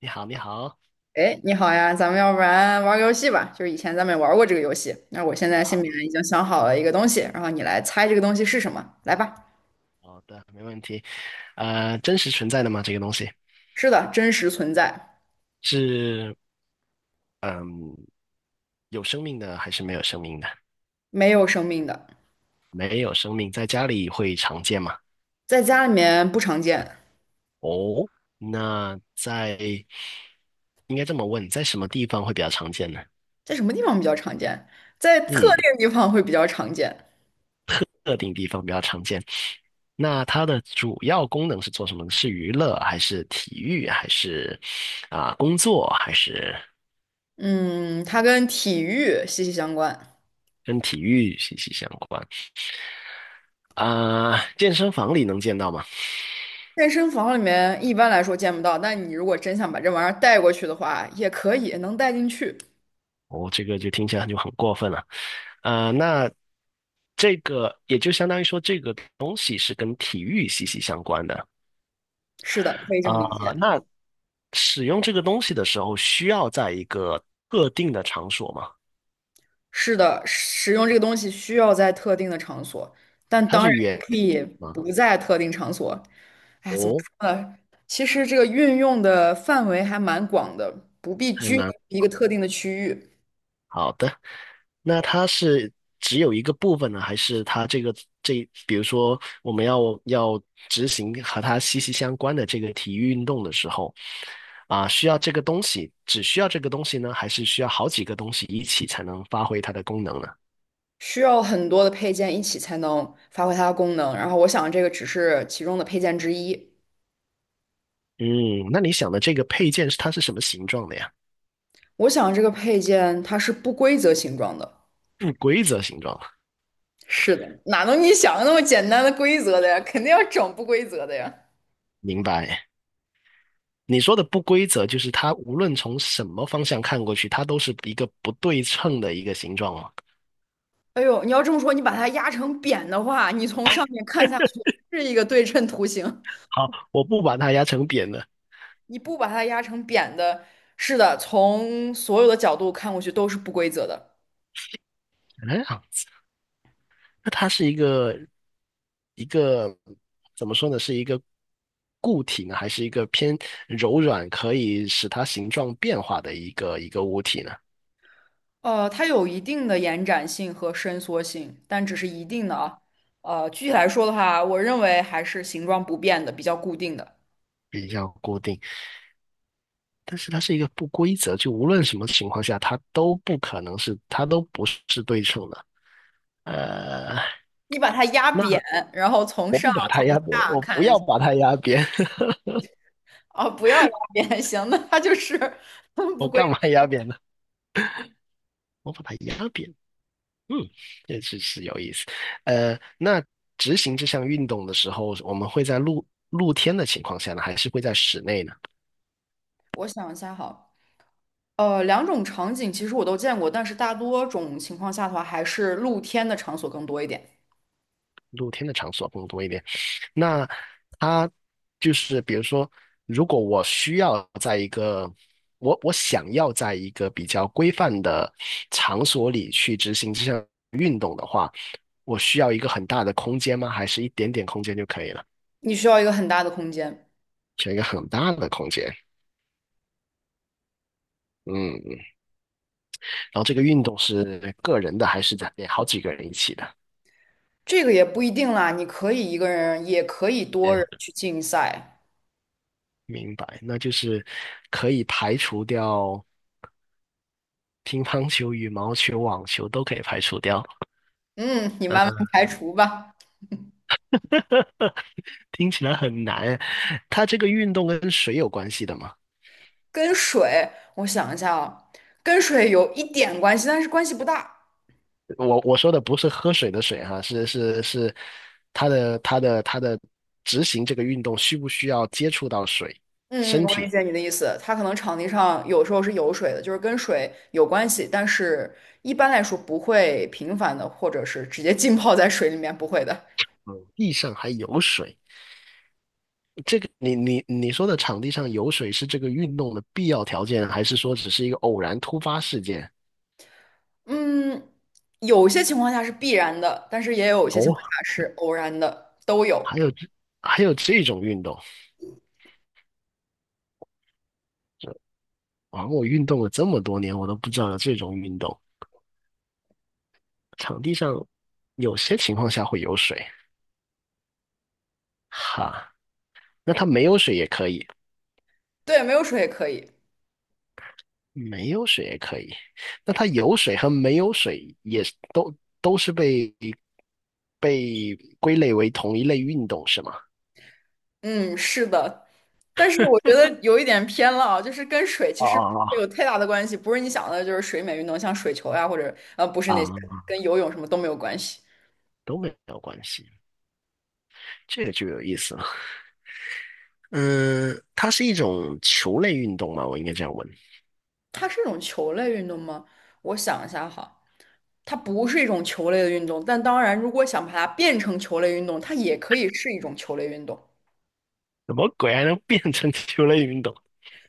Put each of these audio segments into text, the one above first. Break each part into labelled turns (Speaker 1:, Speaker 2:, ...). Speaker 1: 你好，你好，
Speaker 2: 哎，你好呀，咱们要不然玩个游戏吧？就是以前咱们也玩过这个游戏。那我现在心里
Speaker 1: 好
Speaker 2: 面已经想好了一个东西，然后你来猜这个东西是什么。来吧，
Speaker 1: 好的，没问题。真实存在的吗？这个东西
Speaker 2: 是的，真实存在，
Speaker 1: 是有生命的还是没有生命的？
Speaker 2: 没有生命的，
Speaker 1: 没有生命，在家里会常见吗？
Speaker 2: 在家里面不常见，
Speaker 1: 哦，那在应该这么问，在什么地方会比较常见呢？
Speaker 2: 在什么地方比较常见？在特
Speaker 1: 嗯，
Speaker 2: 定地方会比较常见。
Speaker 1: 特定地方比较常见。那它的主要功能是做什么呢，是娱乐还是体育还是啊、工作还是
Speaker 2: 嗯，它跟体育息息相关。
Speaker 1: 跟体育息息相关？啊、健身房里能见到吗？
Speaker 2: 健身房里面一般来说见不到，但你如果真想把这玩意儿带过去的话，也可以，能带进去。
Speaker 1: 哦，这个就听起来就很过分了。那这个也就相当于说，这个东西是跟体育息息相关的。
Speaker 2: 是的，可以这
Speaker 1: 啊、
Speaker 2: 么理解。
Speaker 1: 那使用这个东西的时候，需要在一个特定的场所吗？
Speaker 2: 是的，使用这个东西需要在特定的场所，但
Speaker 1: 它
Speaker 2: 当
Speaker 1: 是
Speaker 2: 然也
Speaker 1: 园
Speaker 2: 可
Speaker 1: 地
Speaker 2: 以
Speaker 1: 吗？
Speaker 2: 不在特定场所。哎，怎么
Speaker 1: 哦，
Speaker 2: 说呢？其实这个运用的范围还蛮广的，不必
Speaker 1: 还
Speaker 2: 拘泥
Speaker 1: 蛮。
Speaker 2: 于一个特定的区域，
Speaker 1: 好的，那它是只有一个部分呢，还是它这个这，比如说我们要要执行和它息息相关的这个体育运动的时候，啊，需要这个东西，只需要这个东西呢，还是需要好几个东西一起才能发挥它的功能呢？
Speaker 2: 需要很多的配件一起才能发挥它的功能。然后我想这个只是其中的配件之一。
Speaker 1: 嗯，那你想的这个配件是它是什么形状的呀？
Speaker 2: 我想这个配件它是不规则形状的。
Speaker 1: 不规则形状，
Speaker 2: 是的，哪能你想的那么简单的规则的呀？肯定要整不规则的呀。
Speaker 1: 明白？你说的不规则就是它无论从什么方向看过去，它都是一个不对称的一个形状吗？
Speaker 2: 哎呦，你要这么说，你把它压成扁的话，你从上面看下去是一个对称图形。
Speaker 1: 好，我不把它压成扁的。
Speaker 2: 你不把它压成扁的，是的，从所有的角度看过去都是不规则的。
Speaker 1: 哎，好那它是一个一个怎么说呢？是一个固体呢，还是一个偏柔软，可以使它形状变化的一个一个物体呢？
Speaker 2: 它有一定的延展性和伸缩性，但只是一定的啊。具体来说的话，我认为还是形状不变的，比较固定的。
Speaker 1: 比较固定，但是它是一个不规则，就无论什么情况下，它都不可能是，它都不是对称的。呃，
Speaker 2: 你把它压扁，
Speaker 1: 那
Speaker 2: 然后从
Speaker 1: 我不
Speaker 2: 上
Speaker 1: 把它
Speaker 2: 从
Speaker 1: 压扁，
Speaker 2: 下
Speaker 1: 我不
Speaker 2: 看，
Speaker 1: 要把它压扁，
Speaker 2: 哦，不要压扁，行那它就是 不
Speaker 1: 我
Speaker 2: 规
Speaker 1: 干嘛
Speaker 2: 则
Speaker 1: 压扁呢？我把它压扁。嗯，这是是有意思。那执行这项运动的时候，我们会在露露天的情况下呢，还是会在室内呢？
Speaker 2: 我想一下哈。两种场景其实我都见过，但是大多种情况下的话，还是露天的场所更多一点。
Speaker 1: 露天的场所更多一点。那它就是比如说，如果我需要在一个我我想要在一个比较规范的场所里去执行这项运动的话，我需要一个很大的空间吗？还是一点点空间就可以了？
Speaker 2: 你需要一个很大的空间，
Speaker 1: 选一个很大的空间。嗯嗯然后这个运动是个人的还是在好几个人一起的？
Speaker 2: 这个也不一定啦，你可以一个人，也可以
Speaker 1: 哎，
Speaker 2: 多人去竞赛。
Speaker 1: 明白，那就是可以排除掉乒乓球、羽毛球、网球都可以排除掉。
Speaker 2: 嗯，你慢慢排除吧。
Speaker 1: 听起来很难。它这个运动跟水有关系的吗？
Speaker 2: 跟水，我想一下啊，跟水有一点关系，但是关系不大。
Speaker 1: 我我说的不是喝水的水哈，是是是，它的它的它的执行这个运动需不需要接触到水？
Speaker 2: 嗯嗯，
Speaker 1: 身
Speaker 2: 我理
Speaker 1: 体，
Speaker 2: 解你的意思，它可能场地上有时候是有水的，就是跟水有关系，但是一般来说不会频繁的，或者是直接浸泡在水里面，不会的。
Speaker 1: 嗯，地上还有水，这个你你你说的场地上有水是这个运动的必要条件，还是说只是一个偶然突发事件？
Speaker 2: 嗯，有些情况下是必然的，但是也有一些情况下
Speaker 1: 哦，
Speaker 2: 是偶然的，都有。
Speaker 1: 还有这还有这种运动啊！我运动了这么多年，我都不知道有这种运动。场地上有些情况下会有水，哈，那它没有水也可以，
Speaker 2: 对，没有水也可以。
Speaker 1: 没有水也可以。那它有水和没有水也是都都是被被归类为同一类运动是吗？
Speaker 2: 嗯，是的，但是我觉得有一点偏了啊，就是跟水其
Speaker 1: 哦
Speaker 2: 实
Speaker 1: 哦，
Speaker 2: 没有太大的关系，不是你想的，就是水美运动，像水球呀，或者不是那些，
Speaker 1: 哦啊，
Speaker 2: 跟游泳什么都没有关系。
Speaker 1: 都没有关系。这个就有意思了。嗯，它是一种球类运动嘛，我应该这样问。
Speaker 2: 它是一种球类运动吗？我想一下哈，它不是一种球类的运动，但当然，如果想把它变成球类运动，它也可以是一种球类运动。
Speaker 1: 什么鬼还能变成球类运动？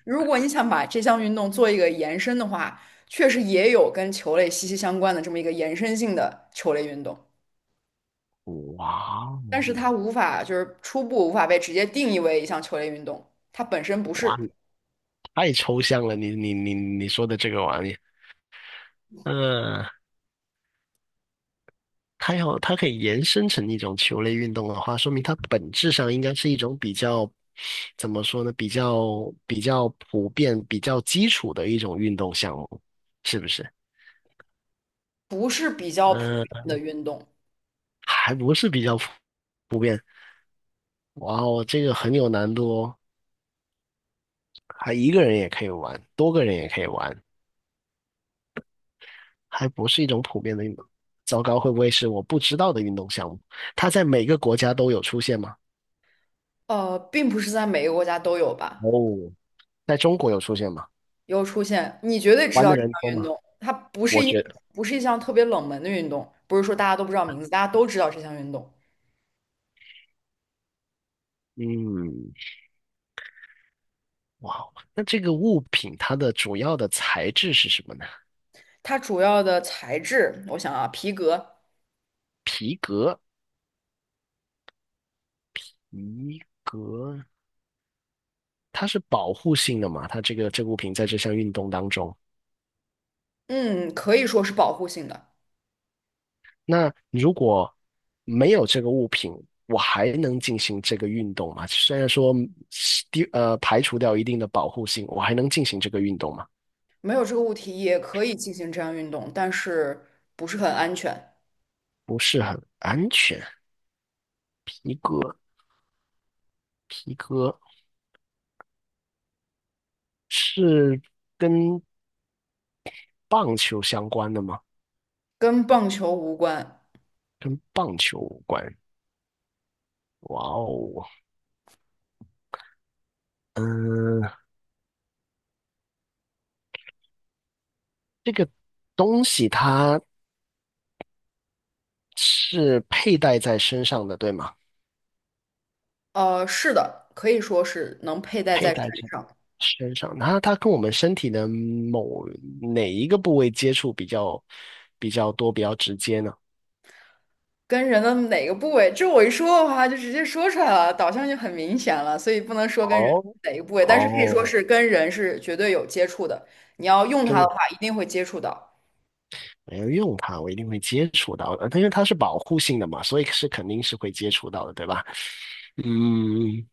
Speaker 2: 如果你想把这项运动做一个延伸的话，确实也有跟球类息息相关的这么一个延伸性的球类运动，
Speaker 1: 哇哦，
Speaker 2: 但是它无法就是初步无法被直接定义为一项球类运动，它本身不是
Speaker 1: 哇，太抽象了！你你你你说的这个玩意，嗯，它要它可以延伸成一种球类运动的话，说明它本质上应该是一种比较怎么说呢？比较比较普遍、比较基础的一种运动项目，是不是？
Speaker 2: 不是比较普
Speaker 1: 嗯，
Speaker 2: 遍的运动，
Speaker 1: 还不是比较普普遍。哇哦，这个很有难度哦。还一个人也可以玩，多个人也可以玩，还不是一种普遍的运动。糟糕，会不会是我不知道的运动项目？它在每个国家都有出现吗？
Speaker 2: 并不是在每个国家都有吧，
Speaker 1: 哦，在中国有出现吗？
Speaker 2: 有出现，你绝对知
Speaker 1: 玩
Speaker 2: 道
Speaker 1: 的
Speaker 2: 这项
Speaker 1: 人多
Speaker 2: 运
Speaker 1: 吗？
Speaker 2: 动，它不是
Speaker 1: 我
Speaker 2: 一
Speaker 1: 觉得，
Speaker 2: 不是一项特别冷门的运动，不是说大家都不知道名字，大家都知道这项运动，
Speaker 1: 嗯，哇哦，那这个物品它的主要的材质是什么呢？
Speaker 2: 它主要的材质，我想啊，皮革，
Speaker 1: 皮革，皮革，它是保护性的嘛？它这个这个物品在这项运动当中。
Speaker 2: 嗯，可以说是保护性的。
Speaker 1: 那如果没有这个物品，我还能进行这个运动吗？虽然说是第排除掉一定的保护性，我还能进行这个运动吗？
Speaker 2: 没有这个物体也可以进行这样运动，但是不是很安全，
Speaker 1: 不是很安全。皮革，皮革是跟棒球相关的吗？
Speaker 2: 跟棒球无关。
Speaker 1: 跟棒球无关。哇哦，嗯，这个东西它是佩戴在身上的，对吗？
Speaker 2: 是的，可以说是能佩戴在
Speaker 1: 佩
Speaker 2: 身
Speaker 1: 戴在。
Speaker 2: 上，
Speaker 1: 身上，它它跟我们身体的某哪一个部位接触比较比较多、比较直接呢？
Speaker 2: 跟人的哪个部位，这我一说的话就直接说出来了，导向就很明显了，所以不能说跟人
Speaker 1: 哦
Speaker 2: 哪个部位，但是可以说
Speaker 1: 哦，
Speaker 2: 是跟人是绝对有接触的。你要用它的
Speaker 1: 跟
Speaker 2: 话，一定会接触到。
Speaker 1: 没有用它，我一定会接触到的，它因为它是保护性的嘛，所以是肯定是会接触到的，对吧？嗯，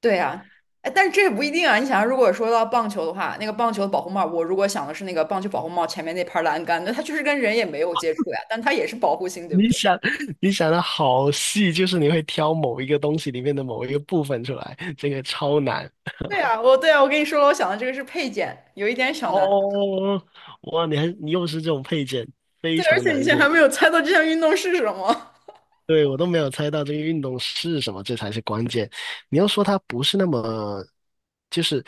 Speaker 2: 对呀，哎，但是这也不一定啊。你想，如果说到棒球的话，那个棒球的保护帽，我如果想的是那个棒球保护帽前面那盘栏杆，那它就实跟人也没有接触呀，但它也是保护性，对不
Speaker 1: 你
Speaker 2: 对？
Speaker 1: 想 你想的好细，就是你会挑某一个东西里面的某一个部分出来，这个超难
Speaker 2: 对呀，我对啊，我跟你说了，我想的这个是配件，有一点小难。
Speaker 1: 哦！哇，你还你又是这种配件，非
Speaker 2: 对，而
Speaker 1: 常
Speaker 2: 且你
Speaker 1: 难
Speaker 2: 现在
Speaker 1: 度。
Speaker 2: 还没有猜到这项运动是什么。
Speaker 1: 对，我都没有猜到这个运动是什么，这才是关键。你要说它不是那么，就是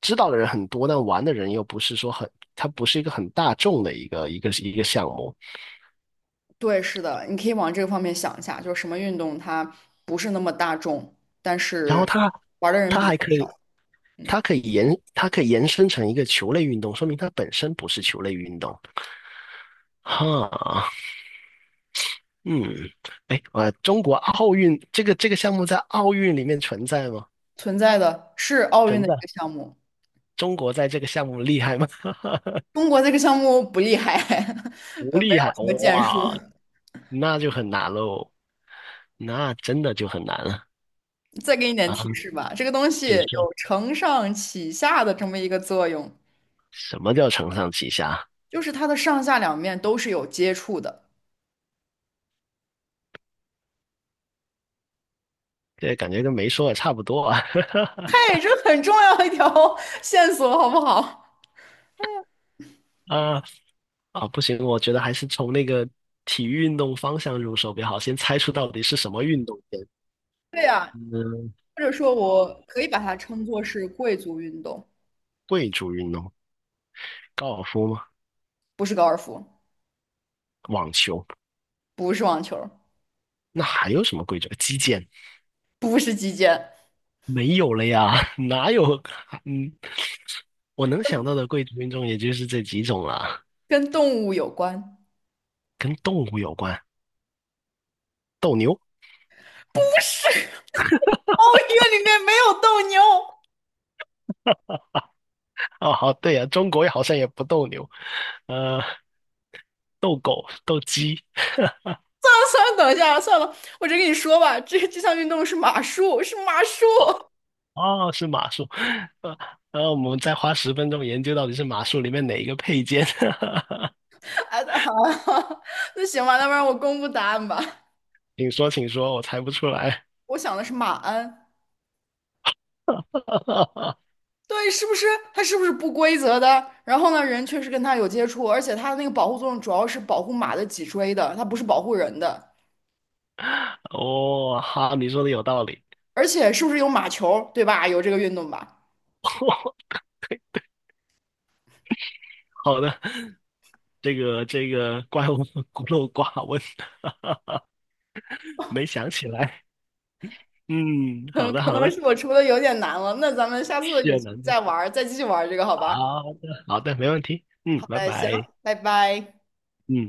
Speaker 1: 知道的人很多，但玩的人又不是说很，它不是一个很大众的一个一个一个项目。
Speaker 2: 对，是的，你可以往这个方面想一下，就是什么运动它不是那么大众，但
Speaker 1: 然后
Speaker 2: 是
Speaker 1: 它
Speaker 2: 玩的人
Speaker 1: 它
Speaker 2: 比较
Speaker 1: 还可
Speaker 2: 少，
Speaker 1: 以，
Speaker 2: 嗯，
Speaker 1: 它可以延它可以延伸成一个球类运动，说明它本身不是球类运动。哈，嗯，哎，中国奥运这个这个项目在奥运里面存在吗？
Speaker 2: 存在的是奥运
Speaker 1: 存
Speaker 2: 的一
Speaker 1: 在。
Speaker 2: 个项目，
Speaker 1: 中国在这个项目厉害吗？
Speaker 2: 中国这个项目不厉害，
Speaker 1: 不
Speaker 2: 没
Speaker 1: 厉
Speaker 2: 有
Speaker 1: 害，
Speaker 2: 什么建树。
Speaker 1: 哇，那就很难喽，那真的就很难了
Speaker 2: 再给你点
Speaker 1: 啊！
Speaker 2: 提示吧，这个东西
Speaker 1: 你说
Speaker 2: 有承上启下的这么一个作用，
Speaker 1: 什么叫承上启下？
Speaker 2: 就是它的上下两面都是有接触的。
Speaker 1: 这感觉跟没说也差不多啊。
Speaker 2: 哎，这很重要一条 线索，好不好？
Speaker 1: 啊，啊，不行，我觉得还是从那个体育运动方向入手比较好，先猜出到底是什么运动先。
Speaker 2: 对呀，
Speaker 1: 嗯，
Speaker 2: 或者说我可以把它称作是贵族运动，
Speaker 1: 贵族运动，高尔夫吗？
Speaker 2: 不是高尔夫，
Speaker 1: 网球？
Speaker 2: 不是网球，
Speaker 1: 那还有什么贵族？击剑？
Speaker 2: 不是击剑，
Speaker 1: 没有了呀，哪有？嗯，我能想到的贵族运动也就是这几种了，
Speaker 2: 跟动物有关。
Speaker 1: 跟动物有关，斗牛。
Speaker 2: 奥运里面没有斗牛。
Speaker 1: 哦，好，对呀、中国好像也不斗牛，呃，斗狗、斗鸡，
Speaker 2: 啊，算了，等一下，算了，我直接跟你说吧，这项运动是马术，是马术。
Speaker 1: 哦，是马术，呃，然后我们再花10分钟研究到底是马术里面哪一个配件，
Speaker 2: 哎，好 那行吧，那不然我公布答案吧。
Speaker 1: 请说，请说，我猜不出来。
Speaker 2: 我想的是马鞍，对，是不是？它是不是不规则的？然后呢，人确实跟它有接触，而且它的那个保护作用主要是保护马的脊椎的，它不是保护人的。
Speaker 1: 哦，好，你说的有道理。
Speaker 2: 而且是不是有马球，对吧？有这个运动吧？
Speaker 1: 好的，这个这个怪物孤陋寡闻，没想起来。嗯，好的
Speaker 2: 可
Speaker 1: 好
Speaker 2: 能
Speaker 1: 的，
Speaker 2: 是我出的有点难了，那咱们下次有机
Speaker 1: 是
Speaker 2: 会
Speaker 1: 有难度。
Speaker 2: 再玩儿再继续玩儿这个，好吧？
Speaker 1: 好的好的，没问题。嗯，
Speaker 2: 好
Speaker 1: 拜
Speaker 2: 的，行，
Speaker 1: 拜。
Speaker 2: 拜拜。
Speaker 1: 嗯。